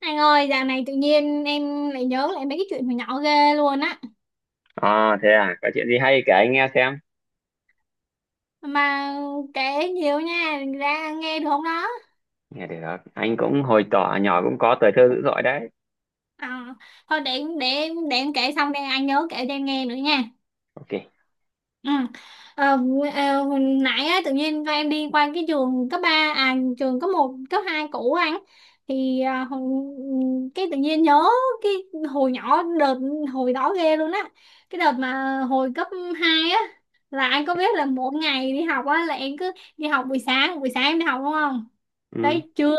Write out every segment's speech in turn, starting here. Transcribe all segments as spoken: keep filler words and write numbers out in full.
Anh ơi, dạo này tự nhiên em lại nhớ lại mấy cái chuyện hồi nhỏ ghê luôn á. À, thế à, có chuyện gì hay kể anh nghe xem. Mà kể nhiều nha, ra nghe được không đó? Nghe được, anh cũng hồi tỏ nhỏ cũng có tuổi thơ dữ dội đấy. À, thôi để, để, để em kể xong đây anh nhớ kể cho em nghe nữa nha. Ok. Ừ. Ờ, ờ, hồi nãy á, tự nhiên Vang đi qua cái trường cấp ba, à trường cấp một, cấp hai cũ anh thì à, hồi- cái tự nhiên nhớ cái hồi nhỏ đợt hồi đó ghê luôn á cái đợt mà hồi cấp hai á là anh có biết là mỗi ngày đi học á là em cứ đi học buổi sáng buổi sáng em đi học đúng không Ừ, tới trưa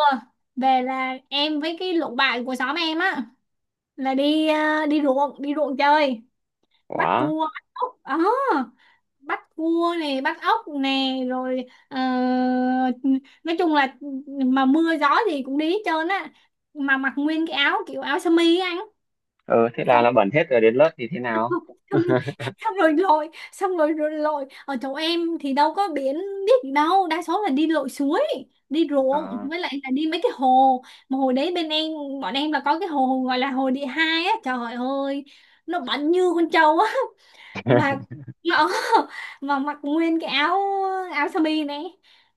về là em với cái lũ bạn của xóm em á là đi à, đi ruộng đi ruộng chơi bắt quá. cua bắt ốc ờ bắt cua này bắt ốc nè rồi ờ, nói chung là mà mưa gió gì cũng đi hết trơn á mà mặc nguyên cái áo kiểu áo sơ mi á anh Ừ, thế là xong là bẩn hết rồi đến lớp thì thế nào? xong xong rồi lội xong rồi, rồi lội ở chỗ em thì đâu có biển biết gì đâu đa số là đi lội suối đi ruộng À. với lại là đi mấy cái hồ mà hồi đấy bên em bọn em là có cái hồ gọi là hồ địa hai á trời ơi nó bẩn như con trâu á mặc nó mà mặc nguyên cái áo áo sơ mi này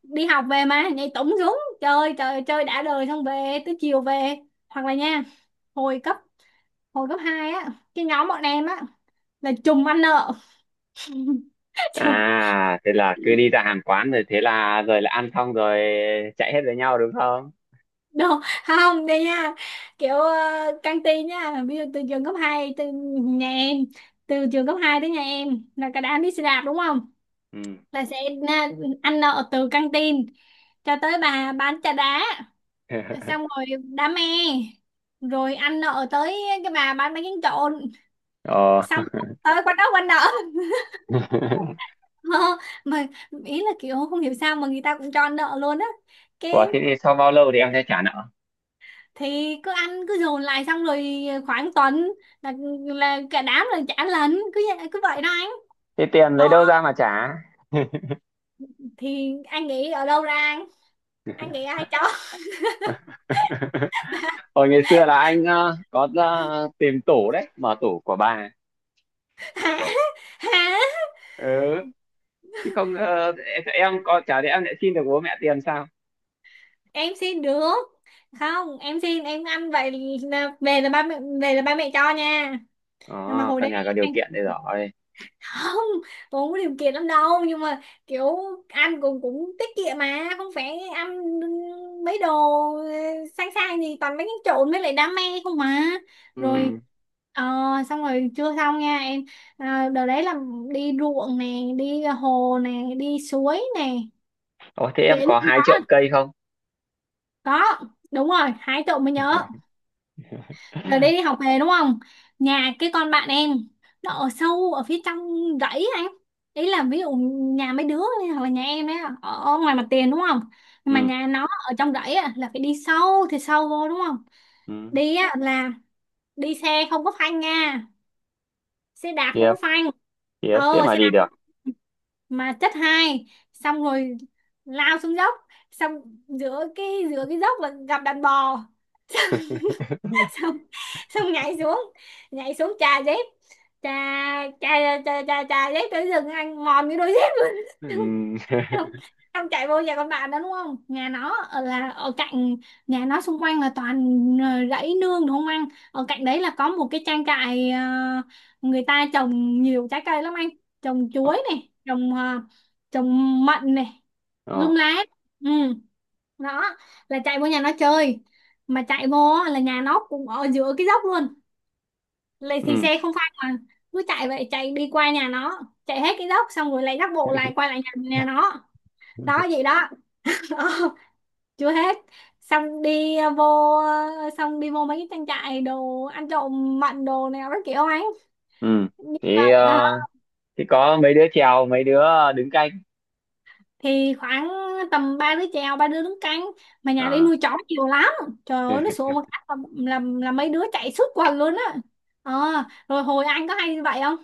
đi học về mà nhảy tủng xuống chơi chơi chơi đã đời xong về tới chiều về hoặc là nha hồi cấp hồi cấp hai á cái nhóm bọn em á là trùm ăn nợ trùm À, thế là cứ đi ra hàng quán rồi thế là rồi là ăn xong rồi chạy hết với nhau đúng không? đâu không đây nha kiểu uh, căng tin nha ví dụ từ trường cấp hai từ nhà em từ trường cấp hai tới nhà em là cả đám đi xe đạp đúng không Ừ. là sẽ na- ăn nợ từ căng tin cho tới bà bán trà đá xong rồi đam mê rồi ăn nợ tới cái bà bán bánh tráng trộn Ờ. xong tới quán đó quán nợ Ờ, mà ý là kiểu không hiểu sao mà người ta cũng cho ăn nợ luôn á Ủa, cái thế thì sau bao lâu thì em sẽ trả nợ? thì cứ ăn cứ dồn lại xong rồi khoảng tuần là là cả đám là trả lần cứ vậy- cứ vậy đó anh. Thế tiền lấy ờ đâu ra mà trả? thì anh nghĩ ở đâu ra anh anh nghĩ ai cho. Hồi ngày xưa là anh ờ, có ờ, tìm tủ đấy, mở tủ của bà. Hả? Hả? Ừ. Chứ không ờ, em có chả lẽ em lại xin được bố mẹ tiền sao? Em xin được. Không em xin em ăn vậy, là về là ba mẹ, về là ba mẹ cho nha. Nhưng mà Ờ, hồi căn đấy nhà có điều anh, kiện đây rồi. không, tôi có điều kiện lắm đâu nhưng mà kiểu ăn cũng cũng tiết kiệm mà không phải ăn mấy đồ sang sang gì toàn mấy cái trộn với lại đam mê không mà. Ừ. Rồi, ờ, xong rồi chưa xong nha em. À, đợt đấy là đi ruộng nè đi hồ nè đi suối nè Ồ, thế em biển có không hai có. trộm cây không? Có, đúng rồi hái trộm mới nhớ. Rồi đi học về đúng không? Nhà cái con bạn em nó ở sâu ở phía trong rẫy anh. Ý là ví dụ nhà mấy đứa này, hoặc là nhà em đấy ở ở ngoài mặt tiền đúng không? Nhưng Ừ. mà nhà nó ở trong rẫy á, là phải đi sâu thì sâu vô đúng không? Ừ, Đi á, là đi xe không có phanh nha, xe đạp không tiếp, có phanh. tiếp, thế Ờ mà xe đi đạp được. mà chất hai xong rồi lao xuống dốc xong giữa cái giữa cái dốc là gặp đàn bò xong xong nhảy xuống nhảy xuống trà dép trà trà trà trà, trà dép tới rừng anh mòn cái đôi dép luôn. xong, Ừ. xong, Xong chạy vô nhà con bạn đó đúng không, nhà nó ở là ở cạnh, nhà nó xung quanh là toàn ờ, rẫy nương đúng không anh, ở cạnh đấy là có một cái trang trại, ờ, người ta trồng nhiều trái cây lắm anh, trồng Ờ. chuối này trồng ờ, trồng mận này Ờ. lung lá. Ừ đó, là chạy vô nhà nó chơi mà chạy vô á, là nhà nó cũng ở giữa cái dốc luôn, lấy thì Ừ. xe không phanh mà cứ chạy vậy chạy đi qua nhà nó chạy hết cái dốc xong rồi lại dắt bộ lại quay lại nhà, nhà nó đó vậy đó. Đó, chưa hết. Xong đi ờ, vô ờ, xong đi vô mấy cái trang trại đồ ăn trộm mận đồ này nó kiểu ấy Ừ, nhưng mà thì à, ờ, thì có mấy đứa chèo mấy đứa đứng canh. thì khoảng tầm ba đứa chèo ba đứa đứng canh mà nhà đi Ờ. nuôi chó nhiều lắm trời ơi nó sủa một cách là, là, là mấy đứa chạy suốt quần luôn á. ờ Rồi hồi anh có hay như vậy không.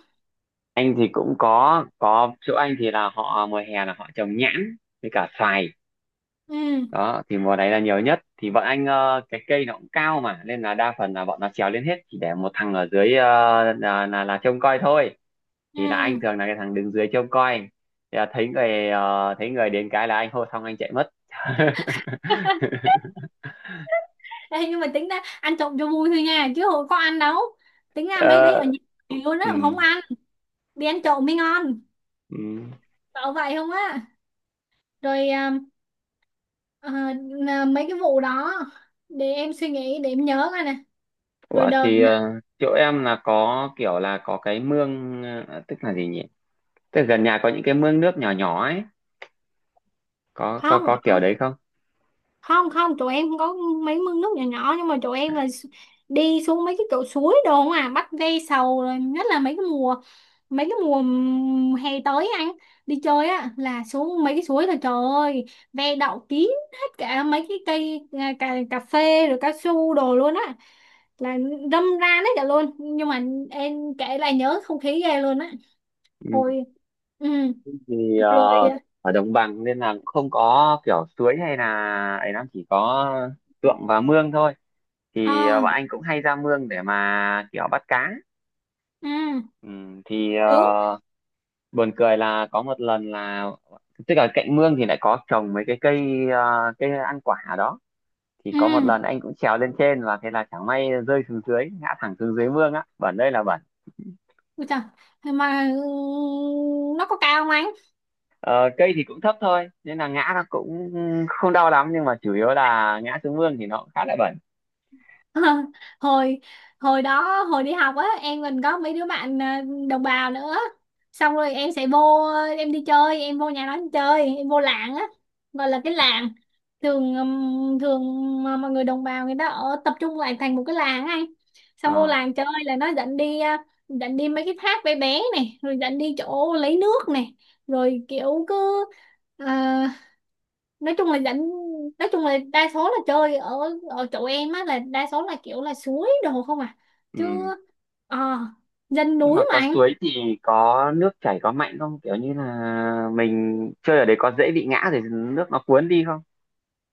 Anh thì cũng có có chỗ anh thì là họ mùa hè là họ trồng nhãn với cả xoài. Ừ Đó thì mùa này là nhiều nhất, thì bọn anh ờ, cái cây nó cũng cao mà nên là đa phần là bọn nó trèo lên hết, chỉ để một thằng ở dưới ờ, là, là là trông coi thôi. ừ. Thì là anh thường là cái thằng đứng dưới trông coi, thì là thấy người ờ, thấy người đến cái là anh hô xong anh chạy mất. Ê, nhưng mà tính ra ăn trộm cho vui thôi nha chứ hồi có ăn đâu, tính ra mấy đấy Ờ, ở nhà luôn á ừ, mà không ăn, đi ăn trộm mới ngon, ừ. cậu vậy không á. Rồi à, à, à, Mấy cái vụ đó để em suy nghĩ để em nhớ coi nè. Rồi Ủa, đợt, thì ờ, chỗ em là có kiểu là có cái mương ờ, tức là gì nhỉ, tức là gần nhà có những cái mương nước nhỏ nhỏ ấy, có có không có kiểu đấy không, không tụi em có mấy mương nước nhỏ nhỏ nhưng mà tụi em là s- đi xuống mấy cái chỗ suối đồ không à bắt ve sầu rồi nhất là mấy cái mùa mấy cái mùa ừm, hè tới anh đi chơi á là xuống mấy cái suối là trời ơi ve đậu kín hết cả mấy cái cây à, cà, cà phê rồi cao su đồ luôn á là râm ran hết cả luôn nhưng mà em kể lại nhớ không khí ghê luôn á không? hồi, ừ. Thì ờ, Rồi ở đồng bằng nên là không có kiểu suối hay là ấy lắm, chỉ có ruộng và mương thôi. Thì ờ, à, bọn anh cũng hay ra mương để mà kiểu bắt cá. ừ Ừ, thì đúng. ờ, buồn cười là có một lần là, tức là cạnh mương thì lại có trồng mấy cái cây ờ, cây ăn quả ở đó. Thì có một Ừ. lần anh cũng trèo lên trên và thế là chẳng may rơi xuống dưới, ngã thẳng xuống dưới mương á, bẩn đây là bẩn. Ôi trời, mà ừ, nó có cao không anh? Ờ, cây thì cũng thấp thôi nên là ngã nó cũng không đau lắm, nhưng mà chủ yếu là ngã xuống mương thì nó cũng khá là bẩn. hồi Hồi đó hồi đi học á em mình có mấy đứa bạn à, đồng bào nữa xong rồi em sẽ vô em đi chơi em vô nhà nó em chơi em vô làng á gọi là cái làng thường ừm, thường mà mọi người đồng bào người ta ở tập trung lại thành một cái làng á anh. Xong vô Ờ, làng chơi là nó dẫn đi à, dẫn đi mấy cái thác bé bé này rồi dẫn đi chỗ lấy nước này rồi kiểu cứ à, nói chung là dẫn, nói chung là đa số là chơi ở ở chỗ em á là đa số là kiểu là suối đồ không à, chứ ừ. ờ, dân Nhưng mà núi mà có anh. suối thì có nước chảy, có mạnh không, kiểu như là mình chơi ở đấy có dễ bị ngã rồi nước nó cuốn đi không?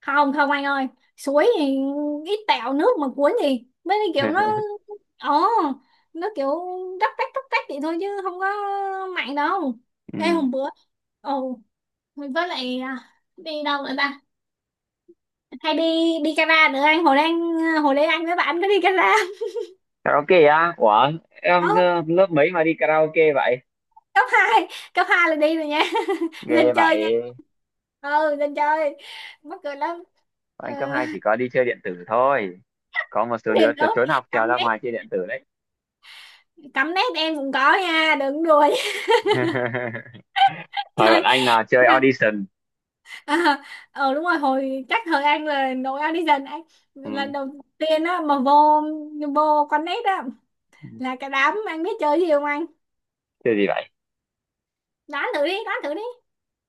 Không không anh ơi, suối thì ít tẹo nước mà cuốn gì mấy cái kiểu nó ờ nó kiểu róc rách róc rách vậy thôi chứ không có mặn đâu. Ừ. Ê hôm bữa ồ, với lại à, đi đâu nữa ta, hay đi, đi Cara nữa anh hồi đang hồi đấy anh với bạn có đi Cara. Karaoke á? Ủa, em ờ, lớp mấy mà đi karaoke vậy? Cấp hai, cấp hai là đi rồi nha. Ghê Nên chơi nha. vậy. Ừ nên chơi, mắc cười lắm. Bọn Ừ. anh cấp hai chỉ có đi chơi điện tử thôi, có một số Nên đứa tr- nữa trốn học trèo cắm ra nét, ngoài chơi điện tử đấy. cắm nét em cũng có nha đừng đùa nha. Thôi, bọn Chơi anh là chơi audition. à, ờ đúng rồi hồi chắc thời An là nội An đi dần anh Ừ. lần đầu tiên á mà vô vô con nét á là cả đám anh biết chơi gì không anh, Chơi gì vậy? đoán thử đi đoán thử đi.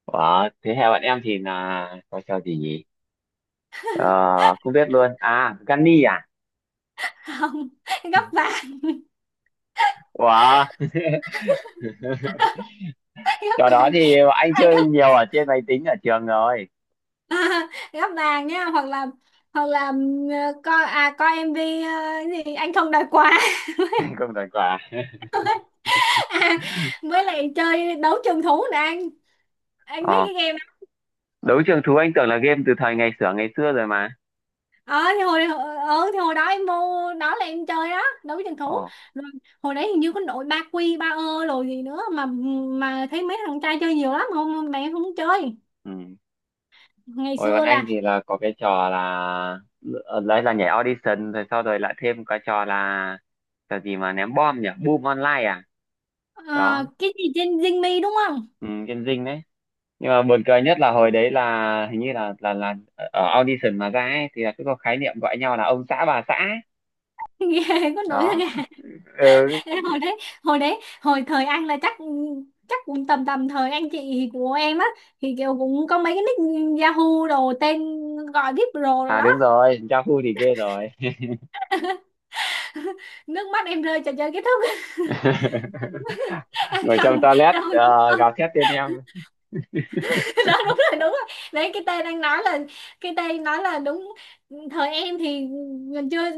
Ủa, thế theo bạn em thì là có trò gì nhỉ? Ờ, không biết luôn. À, Gunny à? Không gấp vàng. Ủa, Gấp trò đó vàng, thì anh à, chơi gấp nhiều ở trên máy tính ở trường rồi. À, gắp vàng nhá, hoặc là, hoặc là ừm, ờ, coi à coi em vê, ờ, cái gì anh không đòi quà. Anh không đoán quả. À, với lại chơi đấu trường thú nè anh anh biết Ờ, cái game đó. đấu trường thú anh tưởng là game từ thời ngày xưa ngày xưa rồi mà. Ờ thì hồi ờ ờ, thì hồi đó em mua đó là em chơi đó đấu trường thú Ờ, rồi. Hồi đấy hình như có nội ba quy ba ơ rồi gì nữa mà mà thấy mấy thằng trai chơi nhiều lắm không mẹ không chơi. ừ. Ngày Hồi bọn xưa anh là thì là có cái trò là ờ, đấy là nhảy audition, rồi sau rồi lại thêm cái trò là trò gì mà ném bom nhỉ? Boom online à? Đó, ờ, cái gì trên Zing Me đúng không. ừ, game dinh đấy. Nhưng mà buồn cười nhất là hồi đấy là hình như là là là ở audition mà ra ấy, thì là cứ có khái niệm gọi nhau là ông xã bà xã ấy. Nghe có nội. Đó. Ừ. Thế hồi đấy, hồi đấy hồi thời anh là chắc, chắc cũng tầm tầm thời anh chị của em á thì kiểu cũng có mấy cái nick Yahoo đồ tên gọi víp Pro rồi À, đó. đúng rồi, cha phu thì ghê rồi. Nước mắt em rơi trò chơi kết thúc. Anh Ngồi trong không, toilet không, ờ, không, gào thét tên em. cái đó đúng rồi đúng rồi đấy, cái tên anh nói là, cái tên nói là đúng. Thời em thì mình chưa,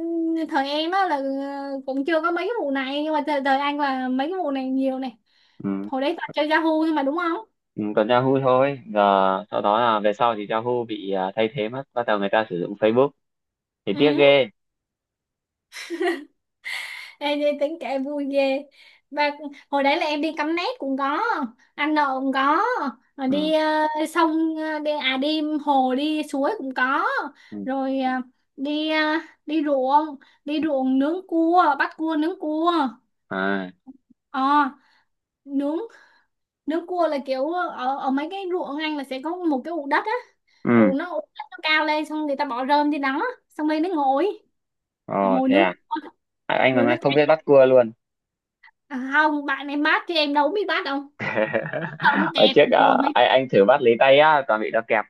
thời em á là ờ, cũng chưa có mấy cái vụ này nhưng mà thời, thời anh là mấy cái vụ này nhiều này. Ừ. Hồi đấy toàn chơi Yahoo thôi mà đúng không. Ừ, còn Yahoo thôi giờ, sau đó là về sau thì Yahoo bị ờ, thay thế mất, bắt đầu người ta sử dụng Facebook, thì tiếc Ừ. ghê. Ê, đi tính kể vui ghê. Và hồi đấy là em đi cắm nét cũng có, ăn nợ cũng có, rồi Ừ. đi ờ, sông ờ, đi à đi hồ đi suối cũng có, Ừ. rồi ờ, đi ờ, đi ruộng, đi ruộng nướng cua bắt cua nướng cua. À, Ờ nướng Nướng cua là kiểu ở ở mấy cái ruộng ăn là sẽ có một cái ụ đất á, ừ. ụ nó ụ đất nó cao lên xong người ta bỏ rơm trên đó xong rồi nó ngồi Ờ, ngồi thế nướng à. cua. À, anh Rồi nó còn không biết cháy bắt cua luôn. à, không bạn em bắt chứ em đâu có biết bắt đâu. Sao nó Hồi kẹp trước trời ờ, mấy. anh anh thử bắt lấy tay á toàn bị nó kẹp.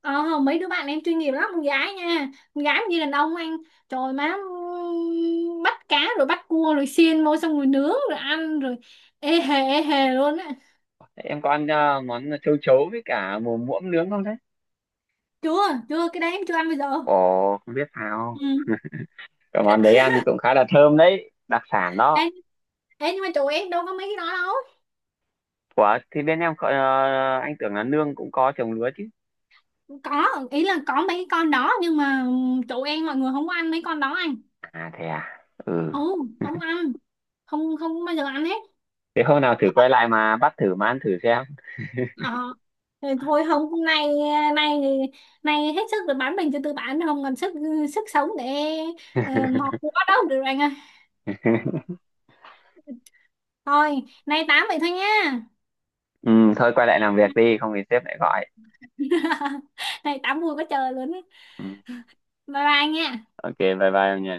ờ, Mấy đứa bạn em chuyên nghiệp lắm, con gái nha, con gái mà như đàn ông anh, trời má ừm, bắt cá rồi bắt cua rồi xiên vô xong rồi nướng rồi ăn rồi ê hề ê hề luôn á. Thế em có ăn ờ, món châu chấu với cả mồm muỗng nướng không thế? Chưa, chưa cái đấy em chưa ăn bây giờ. Ồ, không biết Ừ. sao, cái món đấy ăn cũng khá là thơm đấy, đặc sản ê, đó. ê, Nhưng mà chỗ em đâu có mấy cái đó đâu. Ủa, thì bên em có, ờ, anh tưởng là nương cũng có trồng lúa chứ. Có, ý là có mấy cái con đó nhưng mà chỗ em mọi người không có ăn mấy con đó anh. À, thế à. Ừ, Ừ không ăn, không không bao giờ ăn hết. thế hôm nào thử quay lại mà bắt thử mà ăn thử xem. Ờ. Thì thôi không, hôm nay nay nay hết sức rồi bán mình cho tư bản không còn sức, sức sống để uh, mọt quá đâu được rồi anh ơi, thôi nay tám vậy thôi nha. Ừ, thôi quay lại làm việc đi không thì sếp lại gọi. Này tám vui quá trời luôn. Ừ. Bye bye nha. Ok, bye bye em nhỉ.